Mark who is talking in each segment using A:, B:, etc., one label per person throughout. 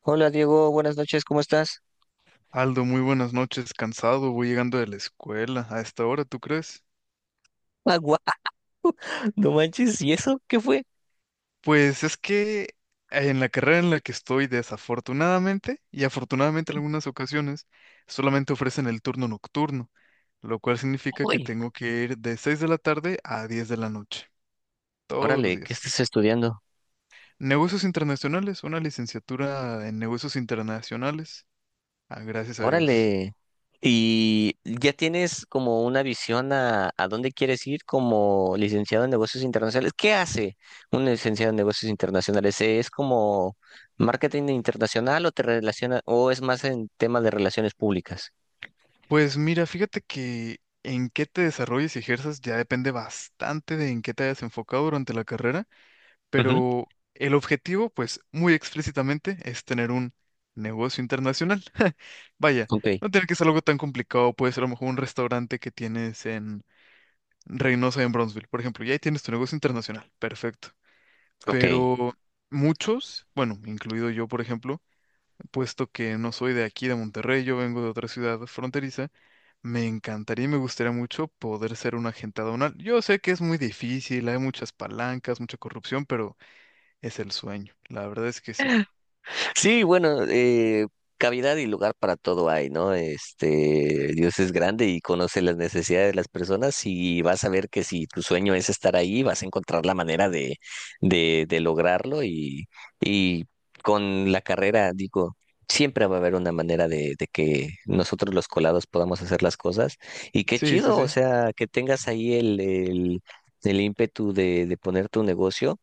A: Hola Diego, buenas noches, ¿cómo estás?
B: Aldo, muy buenas noches, cansado, voy llegando de la escuela a esta hora, ¿tú crees?
A: Agua, no manches, ¿y eso qué fue?
B: Pues es que en la carrera en la que estoy, desafortunadamente y afortunadamente en algunas ocasiones, solamente ofrecen el turno nocturno, lo cual significa que
A: Uy,
B: tengo que ir de 6 de la tarde a 10 de la noche, todos los
A: órale, ¿qué
B: días.
A: estás estudiando?
B: Negocios internacionales, una licenciatura en negocios internacionales, ah, gracias a Dios.
A: Órale. ¿Y ya tienes como una visión a dónde quieres ir como licenciado en negocios internacionales? ¿Qué hace un licenciado en negocios internacionales? ¿Es como marketing internacional o te relaciona o es más en temas de relaciones públicas?
B: Pues mira, fíjate que en qué te desarrolles y ejerzas ya depende bastante de en qué te hayas enfocado durante la carrera,
A: Ujú.
B: pero el objetivo, pues muy explícitamente, es tener un negocio internacional. Vaya,
A: Ok,
B: no tiene que ser algo tan complicado, puede ser a lo mejor un restaurante que tienes en Reynosa, en Brownsville, por ejemplo, y ahí tienes tu negocio internacional, perfecto.
A: ok.
B: Pero muchos, bueno, incluido yo, por ejemplo, puesto que no soy de aquí, de Monterrey, yo vengo de otra ciudad fronteriza, me encantaría y me gustaría mucho poder ser un agente aduanal. Yo sé que es muy difícil, hay muchas palancas, mucha corrupción, pero es el sueño. La verdad es que sí.
A: Sí, bueno, cavidad y lugar para todo hay, ¿no? Este, Dios es grande y conoce las necesidades de las personas y vas a ver que si tu sueño es estar ahí, vas a encontrar la manera de lograrlo y con la carrera, digo, siempre va a haber una manera de que nosotros los colados podamos hacer las cosas y qué
B: Sí, sí,
A: chido, o
B: sí.
A: sea, que tengas ahí el ímpetu de poner tu negocio.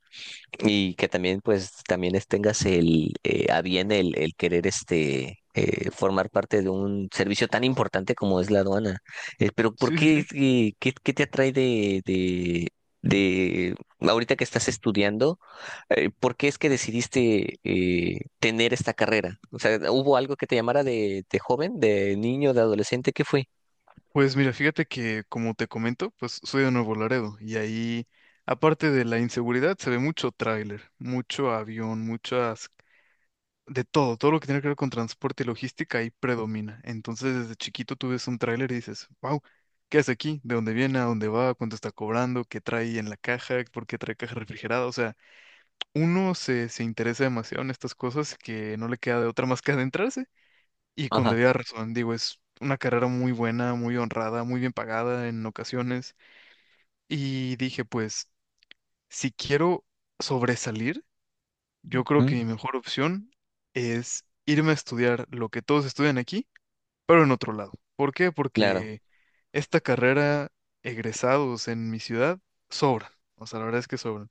A: Y que también, pues, también tengas el, a bien el querer este, formar parte de un servicio tan importante como es la aduana. Pero, ¿por
B: Sí, sí, sí.
A: qué, qué, qué te atrae de, ahorita que estás estudiando, por qué es que decidiste tener esta carrera? O sea, ¿hubo algo que te llamara de joven, de niño, de adolescente? ¿Qué fue?
B: Pues mira, fíjate que como te comento, pues soy de Nuevo Laredo y ahí, aparte de la inseguridad, se ve mucho tráiler, mucho avión, muchas de todo, todo lo que tiene que ver con transporte y logística ahí predomina. Entonces, desde chiquito tú ves un tráiler y dices, wow, ¿qué hace aquí? ¿De dónde viene? ¿A dónde va? ¿Cuánto está cobrando? ¿Qué trae en la caja? ¿Por qué trae caja refrigerada? O sea, uno se interesa demasiado en estas cosas que no le queda de otra más que adentrarse. Y con
A: Ajá.
B: debida razón, digo, es una carrera muy buena, muy honrada, muy bien pagada en ocasiones. Y dije, pues, si quiero sobresalir, yo creo que
A: ¿Mm?
B: mi mejor opción es irme a estudiar lo que todos estudian aquí, pero en otro lado. ¿Por qué?
A: Claro.
B: Porque esta carrera, egresados en mi ciudad, sobran. O sea, la verdad es que sobran.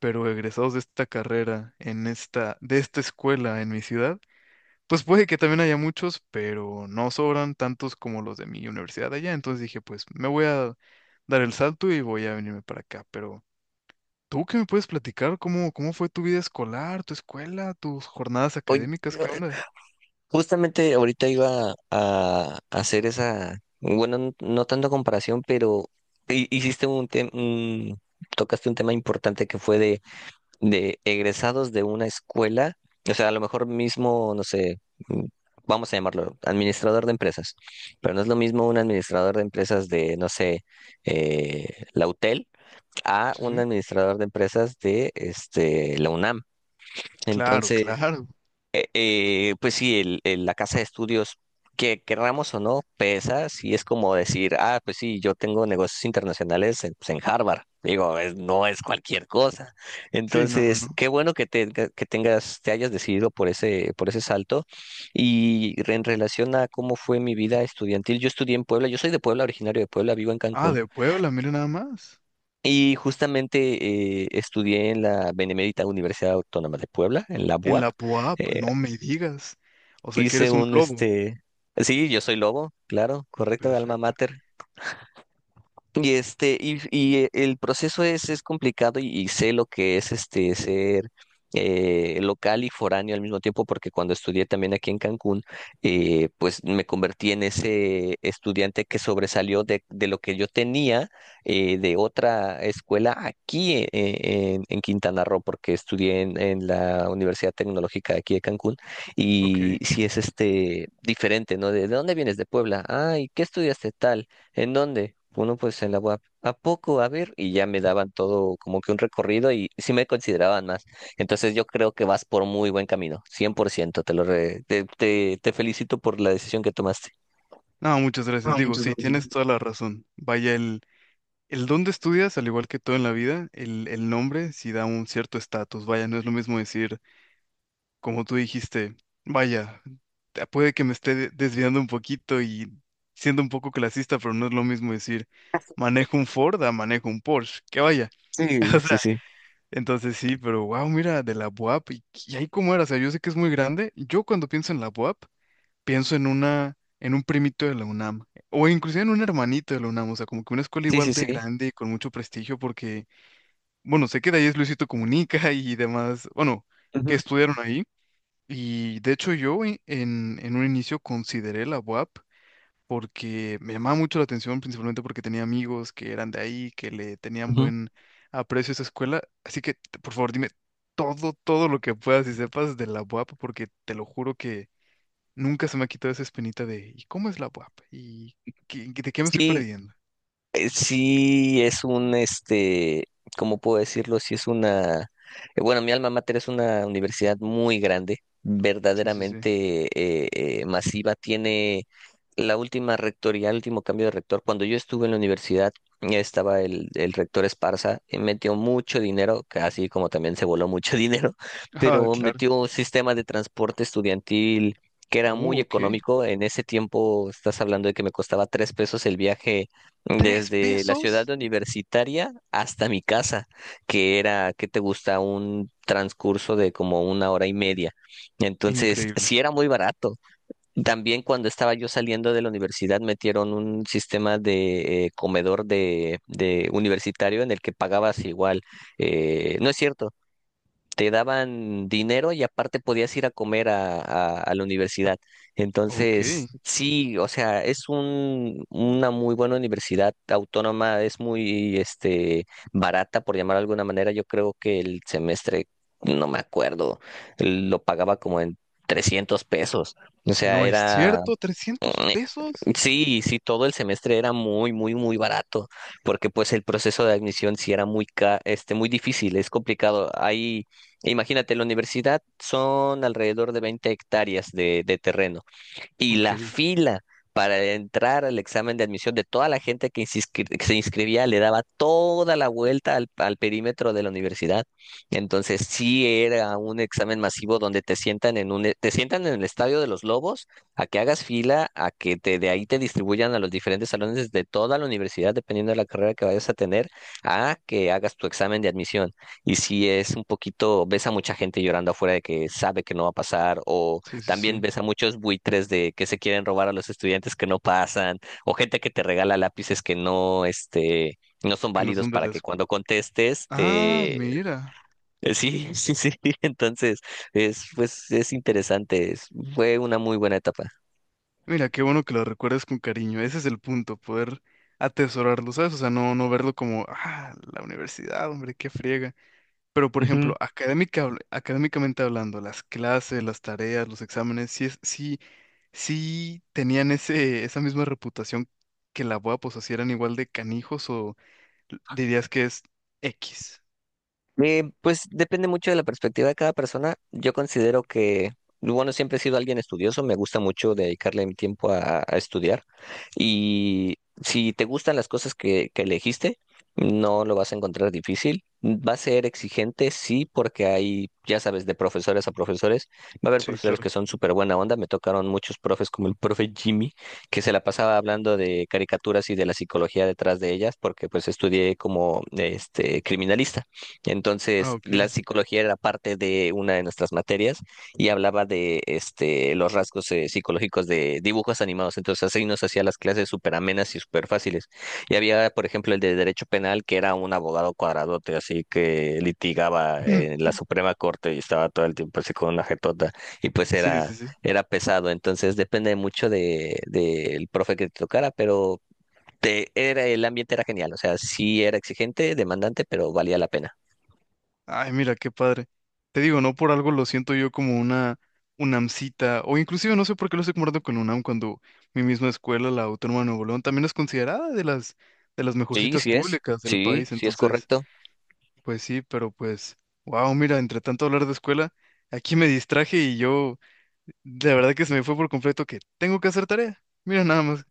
B: Pero egresados de esta carrera, en esta, de esta escuela en mi ciudad, pues puede que también haya muchos, pero no sobran tantos como los de mi universidad allá. Entonces dije, pues me voy a dar el salto y voy a venirme para acá. Pero ¿tú qué me puedes platicar? ¿Cómo, cómo fue tu vida escolar, tu escuela, tus jornadas
A: Oye,
B: académicas? ¿Qué onda?
A: justamente ahorita iba a hacer esa, bueno, no tanto comparación, pero hiciste un tema, tocaste un tema importante que fue de egresados de una escuela, o sea, a lo mejor mismo, no sé, mm, vamos a llamarlo administrador de empresas, pero no es lo mismo un administrador de empresas de, no sé, la UTEL a
B: Sí,
A: un
B: sí.
A: administrador de empresas de este, la UNAM.
B: Claro,
A: Entonces,
B: claro.
A: pues sí, el, la casa de estudios, que querramos o no, pesa, sí es como decir, ah, pues sí, yo tengo negocios internacionales en, pues en Harvard. Digo, no es cualquier cosa.
B: Sí, no, no,
A: Entonces,
B: no.
A: qué bueno que, te, que tengas, te hayas decidido por ese salto. Y en relación a cómo fue mi vida estudiantil, yo estudié en Puebla, yo soy de Puebla, originario de Puebla, vivo en
B: Ah,
A: Cancún.
B: de Puebla, mire nada más.
A: Y justamente estudié en la Benemérita Universidad Autónoma de Puebla, en la
B: En
A: BUAP.
B: la PUAP, no me digas. O sea que
A: Hice
B: eres un
A: un,
B: lobo.
A: este, sí, yo soy lobo, claro, correcto, alma
B: Perfecto.
A: mater. Y este, y el proceso es complicado y sé lo que es este ser local y foráneo al mismo tiempo, porque cuando estudié también aquí en Cancún, pues me convertí en ese estudiante que sobresalió de lo que yo tenía de otra escuela aquí en Quintana Roo, porque estudié en la Universidad Tecnológica de aquí de Cancún, y
B: Ok.
A: sí es este diferente, ¿no? De dónde vienes? De Puebla. Ah, ¿y qué estudiaste tal? ¿En dónde? Uno pues en la web. ¿A P. ¿A poco? A ver, y ya me daban todo como que un recorrido y sí me consideraban más. Entonces yo creo que vas por muy buen camino, 100%. Te lo te, te, te felicito por la decisión que tomaste.
B: No, muchas gracias.
A: Ah,
B: Digo,
A: muchas
B: sí,
A: gracias.
B: tienes toda la razón. Vaya, el dónde estudias, al igual que todo en la vida, el nombre sí da un cierto estatus. Vaya, no es lo mismo decir como tú dijiste, vaya, puede que me esté desviando un poquito y siendo un poco clasista, pero no es lo mismo decir manejo un Ford a manejo un Porsche, que vaya.
A: Sí,
B: O
A: sí,
B: sea,
A: sí.
B: entonces sí, pero wow, mira, de la BUAP, y ahí cómo era, o sea, yo sé que es muy grande, yo cuando pienso en la BUAP, pienso en una, en un primito de la UNAM, o inclusive en un hermanito de la UNAM, o sea, como que una escuela
A: Sí,
B: igual
A: sí,
B: de
A: sí.
B: grande, con mucho prestigio, porque, bueno, sé que de ahí es Luisito Comunica y demás, bueno,
A: Ujú,
B: que estudiaron ahí, y de hecho yo en un inicio consideré la UAP porque me llamaba mucho la atención, principalmente porque tenía amigos que eran de ahí, que le tenían
A: ujú.
B: buen aprecio a esa escuela. Así que, por favor, dime todo, todo lo que puedas y sepas de la UAP, porque te lo juro que nunca se me ha quitado esa espinita de ¿y cómo es la UAP? ¿Y de qué me estoy
A: Sí,
B: perdiendo?
A: sí es un, este, ¿cómo puedo decirlo? Sí es una, bueno, mi alma mater es una universidad muy grande,
B: Sí, sí, sí.
A: verdaderamente masiva, tiene la última rectoría, el último cambio de rector. Cuando yo estuve en la universidad, ya estaba el rector Esparza, metió mucho dinero, así como también se voló mucho dinero,
B: Ah,
A: pero
B: claro.
A: metió un sistema de transporte estudiantil, que era
B: Oh,
A: muy
B: ok.
A: económico. En ese tiempo, estás hablando de que me costaba 3 pesos el viaje
B: ¿Tres
A: desde la ciudad
B: pesos?
A: universitaria hasta mi casa, que era, ¿qué te gusta? Un transcurso de como una hora y media. Entonces,
B: Increíble.
A: sí era muy barato. También cuando estaba yo saliendo de la universidad, metieron un sistema de comedor de universitario en el que pagabas igual. No es cierto, te daban dinero y aparte podías ir a comer a, a la universidad.
B: Ok.
A: Entonces, sí, o sea, es un, una muy buena universidad autónoma, es muy este, barata, por llamar de alguna manera. Yo creo que el semestre, no me acuerdo, lo pagaba como en 300 pesos. O sea,
B: No es
A: era...
B: cierto, trescientos
A: Mm,
B: pesos.
A: sí, sí, todo el semestre era muy, muy, muy barato, porque pues el proceso de admisión sí era muy, este, muy difícil, es complicado. Ahí, imagínate, la universidad son alrededor de 20 hectáreas de terreno y
B: Ok.
A: la fila para entrar al examen de admisión de toda la gente que se que se inscribía le daba toda la vuelta al, al perímetro de la universidad. Entonces sí era un examen masivo donde te sientan en un, te sientan en el Estadio de los Lobos a que hagas fila, a que te, de ahí te distribuyan a los diferentes salones de toda la universidad, dependiendo de la carrera que vayas a tener, a que hagas tu examen de admisión. Y si es un poquito, ves a mucha gente llorando afuera de que sabe que no va a pasar o
B: Sí, sí,
A: también
B: sí.
A: ves a muchos buitres de que se quieren robar a los estudiantes que no pasan, o gente que te regala lápices que no, este, no son
B: Que no
A: válidos
B: son de
A: para
B: la
A: que
B: escu-
A: cuando contestes
B: Ah,
A: te...
B: mira.
A: Sí, sí, sí. Entonces, es, pues, es interesante. Fue una muy buena etapa.
B: Mira, qué bueno que lo recuerdes con cariño. Ese es el punto, poder atesorarlo, ¿sabes? O sea, no, no verlo como, ah, la universidad, hombre, qué friega. Pero, por ejemplo, académica, académicamente hablando, las clases, las tareas, los exámenes, sí, es, sí, sí tenían ese, esa misma reputación que la BUA, pues, o sea, si eran igual de canijos o dirías que es X.
A: Pues depende mucho de la perspectiva de cada persona. Yo considero que, bueno, siempre he sido alguien estudioso, me gusta mucho dedicarle mi tiempo a estudiar y si te gustan las cosas que elegiste, no lo vas a encontrar difícil. Va a ser exigente, sí, porque hay, ya sabes, de profesores a profesores. Va a haber
B: Sí,
A: profesores
B: claro.
A: que son súper buena onda. Me tocaron muchos profes como el profe Jimmy, que se la pasaba hablando de caricaturas y de la psicología detrás de ellas, porque pues estudié como este criminalista.
B: Ah,
A: Entonces,
B: ok.
A: la psicología era parte de una de nuestras materias y hablaba de este, los rasgos psicológicos de dibujos animados. Entonces, así nos hacía las clases súper amenas y súper fáciles. Y había, por ejemplo, el de Derecho Penal, que era un abogado cuadradote, así que litigaba en la Suprema Corte y estaba todo el tiempo así con una jetota. Y pues
B: Sí, sí,
A: era,
B: sí.
A: era pesado. Entonces, depende mucho de, del profe que te tocara, pero te, era, el ambiente era genial. O sea, sí era exigente, demandante, pero valía la pena.
B: Ay, mira, qué padre. Te digo, no por algo lo siento yo como una UNAMcita, o inclusive no sé por qué lo estoy comparando con UNAM cuando mi misma escuela, la Autónoma de Nuevo León, también es considerada de las
A: Sí,
B: mejorcitas
A: sí es.
B: públicas del
A: Sí,
B: país.
A: sí es
B: Entonces,
A: correcto.
B: pues sí, pero pues, wow, mira, entre tanto hablar de escuela, aquí me distraje y yo, la verdad que se me fue por completo que tengo que hacer tarea. Mira nada más.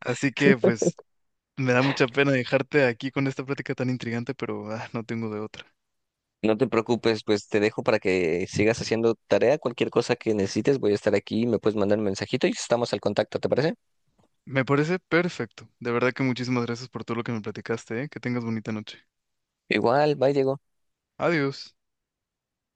B: Así que pues me da mucha pena dejarte aquí con esta plática tan intrigante, pero ah, no tengo de otra.
A: No te preocupes, pues te dejo para que sigas haciendo tarea. Cualquier cosa que necesites, voy a estar aquí. Me puedes mandar un mensajito y estamos al contacto, ¿te parece?
B: Me parece perfecto. De verdad que muchísimas gracias por todo lo que me platicaste, ¿eh? Que tengas bonita noche.
A: Igual, bye, Diego.
B: Adiós.